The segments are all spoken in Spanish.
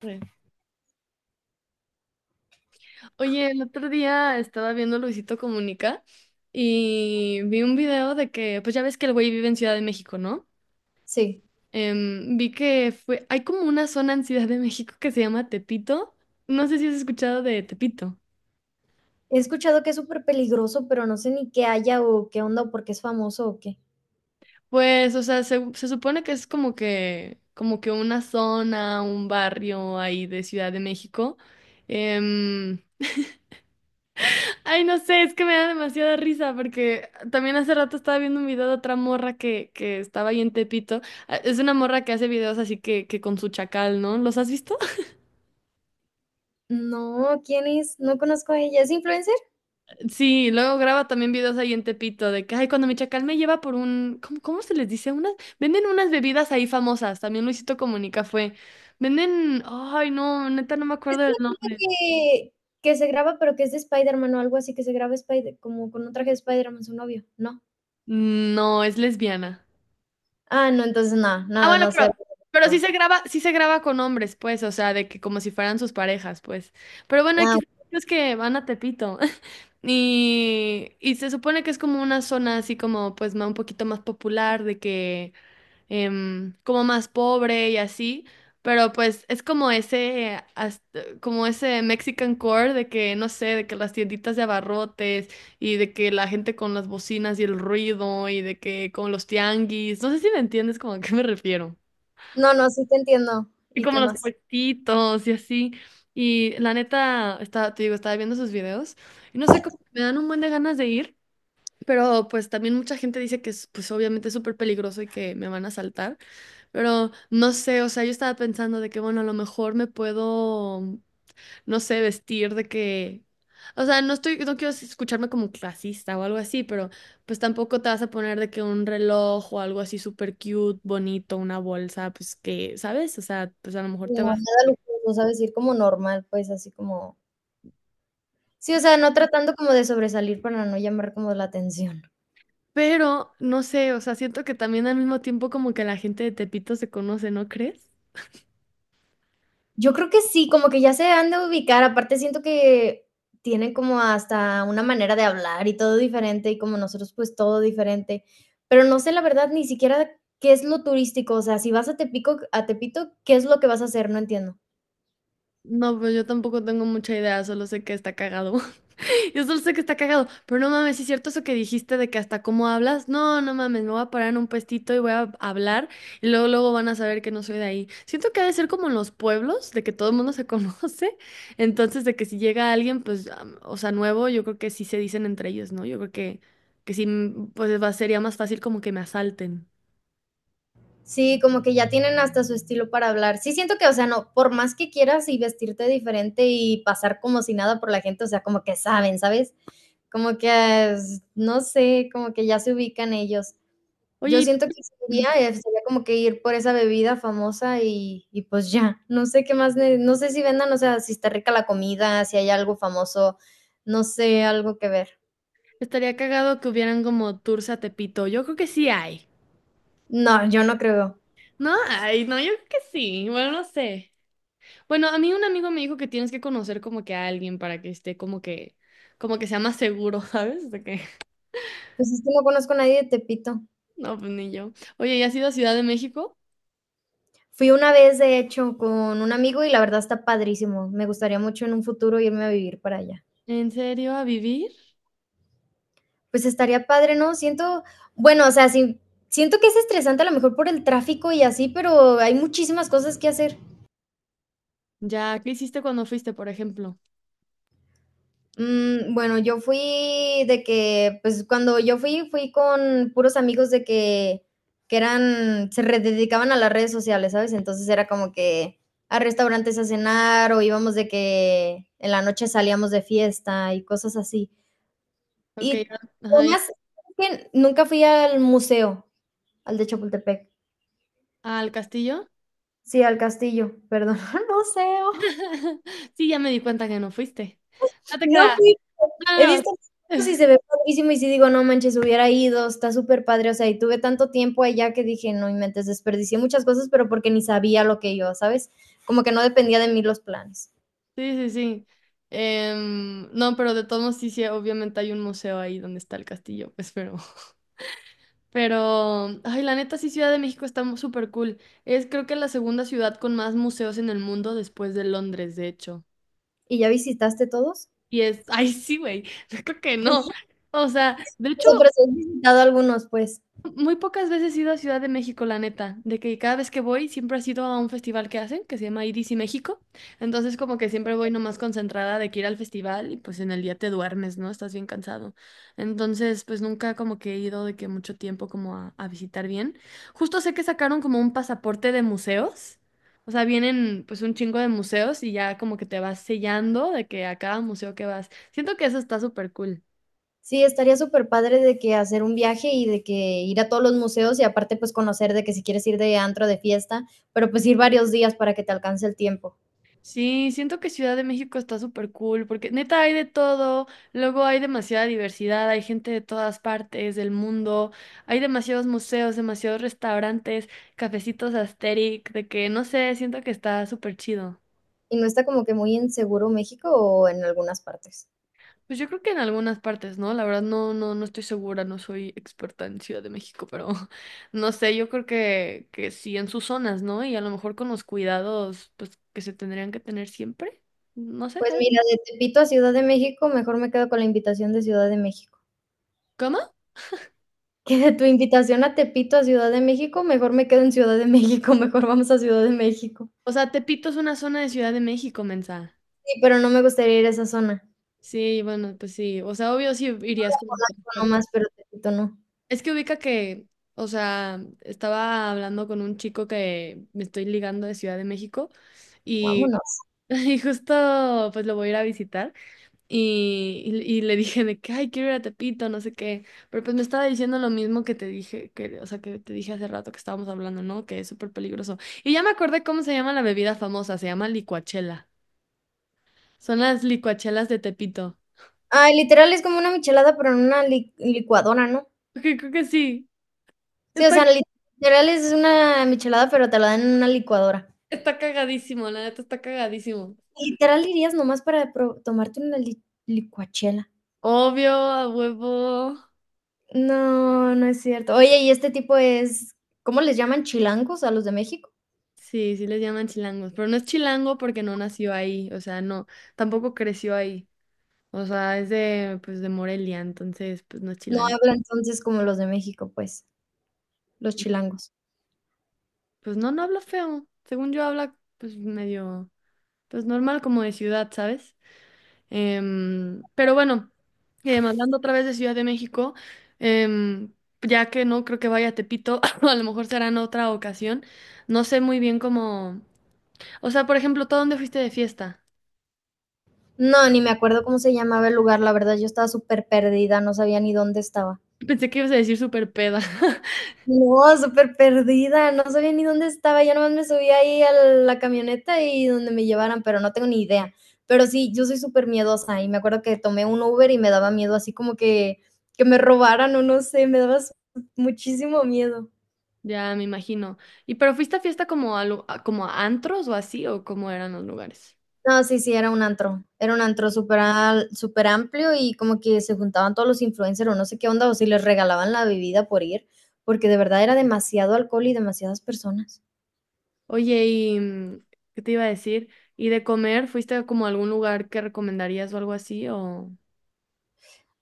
Sí. Oye, el otro día estaba viendo Luisito Comunica y vi un video de que, pues ya ves que el güey vive en Ciudad de México, ¿no? Sí. Vi que fue, hay como una zona en Ciudad de México que se llama Tepito. No sé si has escuchado de Tepito. He escuchado que es súper peligroso, pero no sé ni qué haya o qué onda o por qué es famoso o qué. Pues, o sea, se supone que es como que, una zona, un barrio ahí de Ciudad de México. Em, Ay, no sé, es que me da demasiada risa porque también hace rato estaba viendo un video de otra morra que estaba ahí en Tepito. Ah, es una morra que hace videos así que, con su chacal, ¿no? ¿Los has visto? No, ¿quién es? No conozco a ella. ¿Es influencer? Sí, luego graba también videos ahí en Tepito de que, ay, cuando mi chacal me lleva por un, ¿cómo se les dice? Venden unas bebidas ahí famosas, también Luisito Comunica fue. Venden, ay, no, neta no me Es acuerdo del una chica nombre. que se graba, pero que es de Spiderman o algo así, que se graba Spider como con un traje de Spiderman su novio, ¿no? No, es lesbiana. Ah, no, entonces no, Ah, no, bueno, no sé. pero No. Sí se graba con hombres, pues, o sea, de que como si fueran sus parejas, pues. Pero bueno, Ah, aquí es que van a Tepito. Y se supone que es como una zona así como, pues, un poquito más popular, de que como más pobre y así. Pero pues es como ese Mexican core de que, no sé, de que las tienditas de abarrotes y de que la gente con las bocinas y el ruido y de que con los tianguis. No sé si me entiendes como a qué me refiero. no, no, sí te entiendo. Y ¿Y como qué los más? puestitos y así. Y la neta, estaba, te digo, estaba viendo sus videos y no sé cómo me dan un buen de ganas de ir, pero pues también mucha gente dice que es, pues obviamente es súper peligroso y que me van a asaltar, pero no sé, o sea, yo estaba pensando de que, bueno, a lo mejor me puedo, no sé, vestir de que, o sea, no quiero escucharme como clasista o algo así, pero pues tampoco te vas a poner de que un reloj o algo así súper cute, bonito, una bolsa, pues que, ¿sabes? O sea, pues a lo mejor No, te vas. nada lujoso, ¿sabes? Ir como normal, pues, así como. Sí, o sea, no tratando como de sobresalir para no llamar como la atención. Pero, no sé, o sea, siento que también al mismo tiempo como que la gente de Tepito se conoce, ¿no crees? Yo creo que sí, como que ya se han de ubicar, aparte siento que tienen como hasta una manera de hablar y todo diferente, y como nosotros, pues todo diferente. Pero no sé la verdad ni siquiera qué es lo turístico, o sea, si vas a Tepico a Tepito, ¿qué es lo que vas a hacer? No entiendo. No, pues yo tampoco tengo mucha idea, solo sé que está cagado. Yo solo sé que está cagado, pero no mames, ¿sí es cierto eso que dijiste de que hasta cómo hablas? No, no mames, me voy a parar en un puestito y voy a hablar y luego luego van a saber que no soy de ahí. Siento que ha de ser como en los pueblos, de que todo el mundo se conoce, entonces de que si llega alguien, pues, o sea, nuevo, yo creo que sí se dicen entre ellos, ¿no? Yo creo que sí, pues sería más fácil como que me asalten. Sí, como que ya tienen hasta su estilo para hablar. Sí, siento que, o sea, no, por más que quieras y vestirte diferente y pasar como si nada por la gente, o sea, como que saben, ¿sabes? Como que, es- no sé, como que ya se ubican ellos. Yo Oye, ¿y siento que Ujú. sería, sería como que ir por esa bebida famosa y pues ya, no sé qué más, ne- no sé si vendan, o sea, si está rica la comida, si hay algo famoso, no sé, algo que ver. Estaría cagado que hubieran como tours a Tepito. Yo creo que sí hay. No, yo no creo. ¿No? Ay, no, yo creo que sí. Bueno, no sé. Bueno, a mí un amigo me dijo que tienes que conocer como que a alguien para que esté como que sea más seguro, ¿sabes? Pues es que no conozco a nadie de Tepito. no, pues ni yo. Oye, ¿y has ido a Ciudad de México? Fui una vez, de hecho, con un amigo y la verdad está padrísimo. Me gustaría mucho en un futuro irme a vivir para allá. ¿En serio? ¿A vivir? Pues estaría padre, ¿no? Siento, bueno, o sea, sí, siento que es estresante a lo mejor por el tráfico y así, pero hay muchísimas cosas que hacer. Ya, ¿qué hiciste cuando fuiste, por ejemplo? Bueno, yo fui de que, pues cuando yo fui, fui con puros amigos de que eran, se re- dedicaban a las redes sociales, ¿sabes? Entonces era como que a restaurantes a cenar o íbamos de que en la noche salíamos de fiesta y cosas así. Ok, Y lo ajá, ya. más que nunca fui al museo, al de Chapultepec. ¿Al castillo? Sí, al castillo, perdón, al museo. Sí, ya me di cuenta que no fuiste. No te No creas. fui, No, he no, no. visto fotos y se ve padrísimo y sí digo, no manches, hubiera ido, está súper padre, o sea, y tuve tanto tiempo allá que dije, no inventes, desperdicié muchas cosas, pero porque ni sabía lo que iba, ¿sabes? Como que no dependía de mí los planes. Sí, sí, sí. No, pero de todos modos sí, sí, obviamente hay un museo ahí donde está el castillo, pues, pero... Pero, ay, la neta sí, Ciudad de México está súper cool. Es creo que la segunda ciudad con más museos en el mundo después de Londres, de hecho. ¿Y ya visitaste todos? Y es, ay, sí, güey, yo creo que no. O sea, de O hecho, sea, pero si has visitado algunos, pues. muy pocas veces he ido a Ciudad de México, la neta, de que cada vez que voy siempre ha sido a un festival que hacen, que se llama IDC México, entonces como que siempre voy nomás concentrada de que ir al festival y pues en el día te duermes, ¿no? Estás bien cansado. Entonces pues nunca como que he ido de que mucho tiempo como a visitar bien. Justo sé que sacaron como un pasaporte de museos, o sea, vienen pues un chingo de museos y ya como que te vas sellando de que a cada museo que vas. Siento que eso está súper cool. Sí, estaría súper padre de que hacer un viaje y de que ir a todos los museos y aparte, pues, conocer de que si quieres ir de antro, de fiesta, pero, pues, ir varios días para que te alcance el tiempo. Sí, siento que Ciudad de México está súper cool porque neta hay de todo, luego hay demasiada diversidad, hay gente de todas partes del mundo, hay demasiados museos, demasiados restaurantes, cafecitos Asterix, de que no sé, siento que está súper chido. ¿Y no está como que muy inseguro México o en algunas partes? Pues yo creo que en algunas partes, ¿no? La verdad no, no, no estoy segura, no soy experta en Ciudad de México, pero no sé, yo creo que sí en sus zonas, ¿no? Y a lo mejor con los cuidados pues que se tendrían que tener siempre, no sé, Pues ¿sabes? mira, de Tepito a Ciudad de México, mejor me quedo con la invitación de Ciudad de México. ¿Cómo? Que de tu invitación a Tepito a Ciudad de México, mejor me quedo en Ciudad de México, mejor vamos a Ciudad de México. O sea, Tepito es una zona de Ciudad de México, mensa. Sí, pero no me gustaría ir a esa zona. Sí, bueno, pues sí. O sea, obvio sí irías como Polanco nomás, transporte. pero Tepito no. Es que ubica que, o sea, estaba hablando con un chico que me estoy ligando de Ciudad de México y, Vámonos. y justo pues lo voy a ir a visitar y le dije de que, ay, quiero ir a Tepito, no sé qué. Pero pues me estaba diciendo lo mismo que te dije, que, o sea, que te dije hace rato que estábamos hablando, ¿no? Que es súper peligroso. Y ya me acordé cómo se llama la bebida famosa, se llama licuachela. Son las licuachelas de Tepito. Ay, literal es como una michelada, pero en una li licuadora, ¿no? Ok, creo que sí. Sí, o Está, sea, literal es una michelada, pero te la dan en una licuadora. está cagadísimo, la neta está cagadísimo. Literal irías nomás para pro tomarte una li licuachela. Obvio, a huevo. No, no es cierto. Oye, y este tipo es, ¿cómo les llaman? ¿Chilangos a los de México? Sí, sí les llaman chilangos, pero no es chilango porque no nació ahí, o sea, no, tampoco creció ahí. O sea, es de, pues, de Morelia, entonces, pues no es No chilango. habla entonces como los de México, pues, los chilangos. Pues no, no habla feo. Según yo habla, pues medio, pues normal como de ciudad, ¿sabes? Pero bueno, hablando otra vez de Ciudad de México, em, ya que no creo que vaya a Tepito, a lo mejor será en otra ocasión. No sé muy bien cómo. O sea, por ejemplo, ¿tú a dónde fuiste de fiesta? No, ni me acuerdo cómo se llamaba el lugar, la verdad, yo estaba súper perdida, no sabía ni dónde estaba. Pensé que ibas a decir súper peda. No, súper perdida, no sabía ni dónde estaba, yo nomás me subía ahí a la camioneta y donde me llevaran, pero no tengo ni idea. Pero sí, yo soy súper miedosa y me acuerdo que tomé un Uber y me daba miedo, así como que me robaran o no sé, me daba s muchísimo miedo. Ya me imagino. ¿Y pero fuiste a fiesta como como a antros o así o cómo eran los lugares? No, sí, sí, era un antro súper al- súper amplio y como que se juntaban todos los influencers o no sé qué onda, o si les regalaban la bebida por ir, porque de verdad era demasiado alcohol y demasiadas personas. Oye, ¿y qué te iba a decir? ¿Y de comer fuiste a como a algún lugar que recomendarías o algo así o...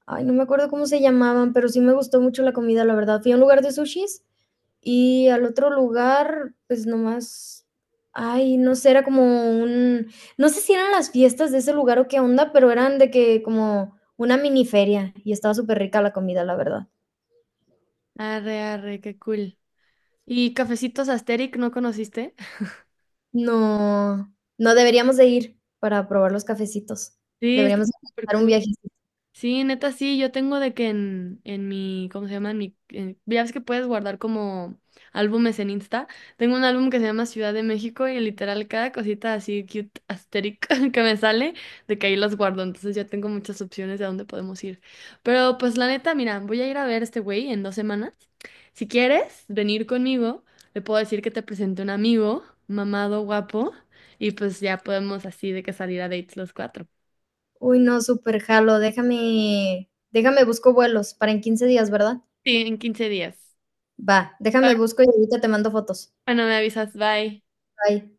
Ay, no me acuerdo cómo se llamaban, pero sí me gustó mucho la comida, la verdad. Fui a un lugar de sushis y al otro lugar, pues nomás, ay, no sé, era como un, no sé si eran las fiestas de ese lugar o qué onda, pero eran de que como una mini feria y estaba súper rica la comida, la verdad. Arre, arre, qué cool. ¿Y Cafecitos Asterix no conociste? No, no deberíamos de ir para probar los cafecitos. Sí, está Deberíamos súper organizar un cool. viaje. Sí, neta, sí, yo tengo de que en, en mi, ¿cómo se llama? Ya ves que puedes guardar como álbumes en Insta. Tengo un álbum que se llama Ciudad de México y literal cada cosita así cute, asteric que me sale, de que ahí las guardo. Entonces ya tengo muchas opciones de a dónde podemos ir. Pero pues la neta, mira, voy a ir a ver a este güey en 2 semanas. Si quieres venir conmigo, le puedo decir que te presente un amigo, mamado, guapo, y pues ya podemos así de que salir a dates los cuatro. Uy, no, súper jalo. Déjame, déjame busco vuelos para en 15 días, ¿verdad? Sí, en 15 días. Va, déjame busco y ahorita te mando fotos. Bueno, me avisas, bye. Bye.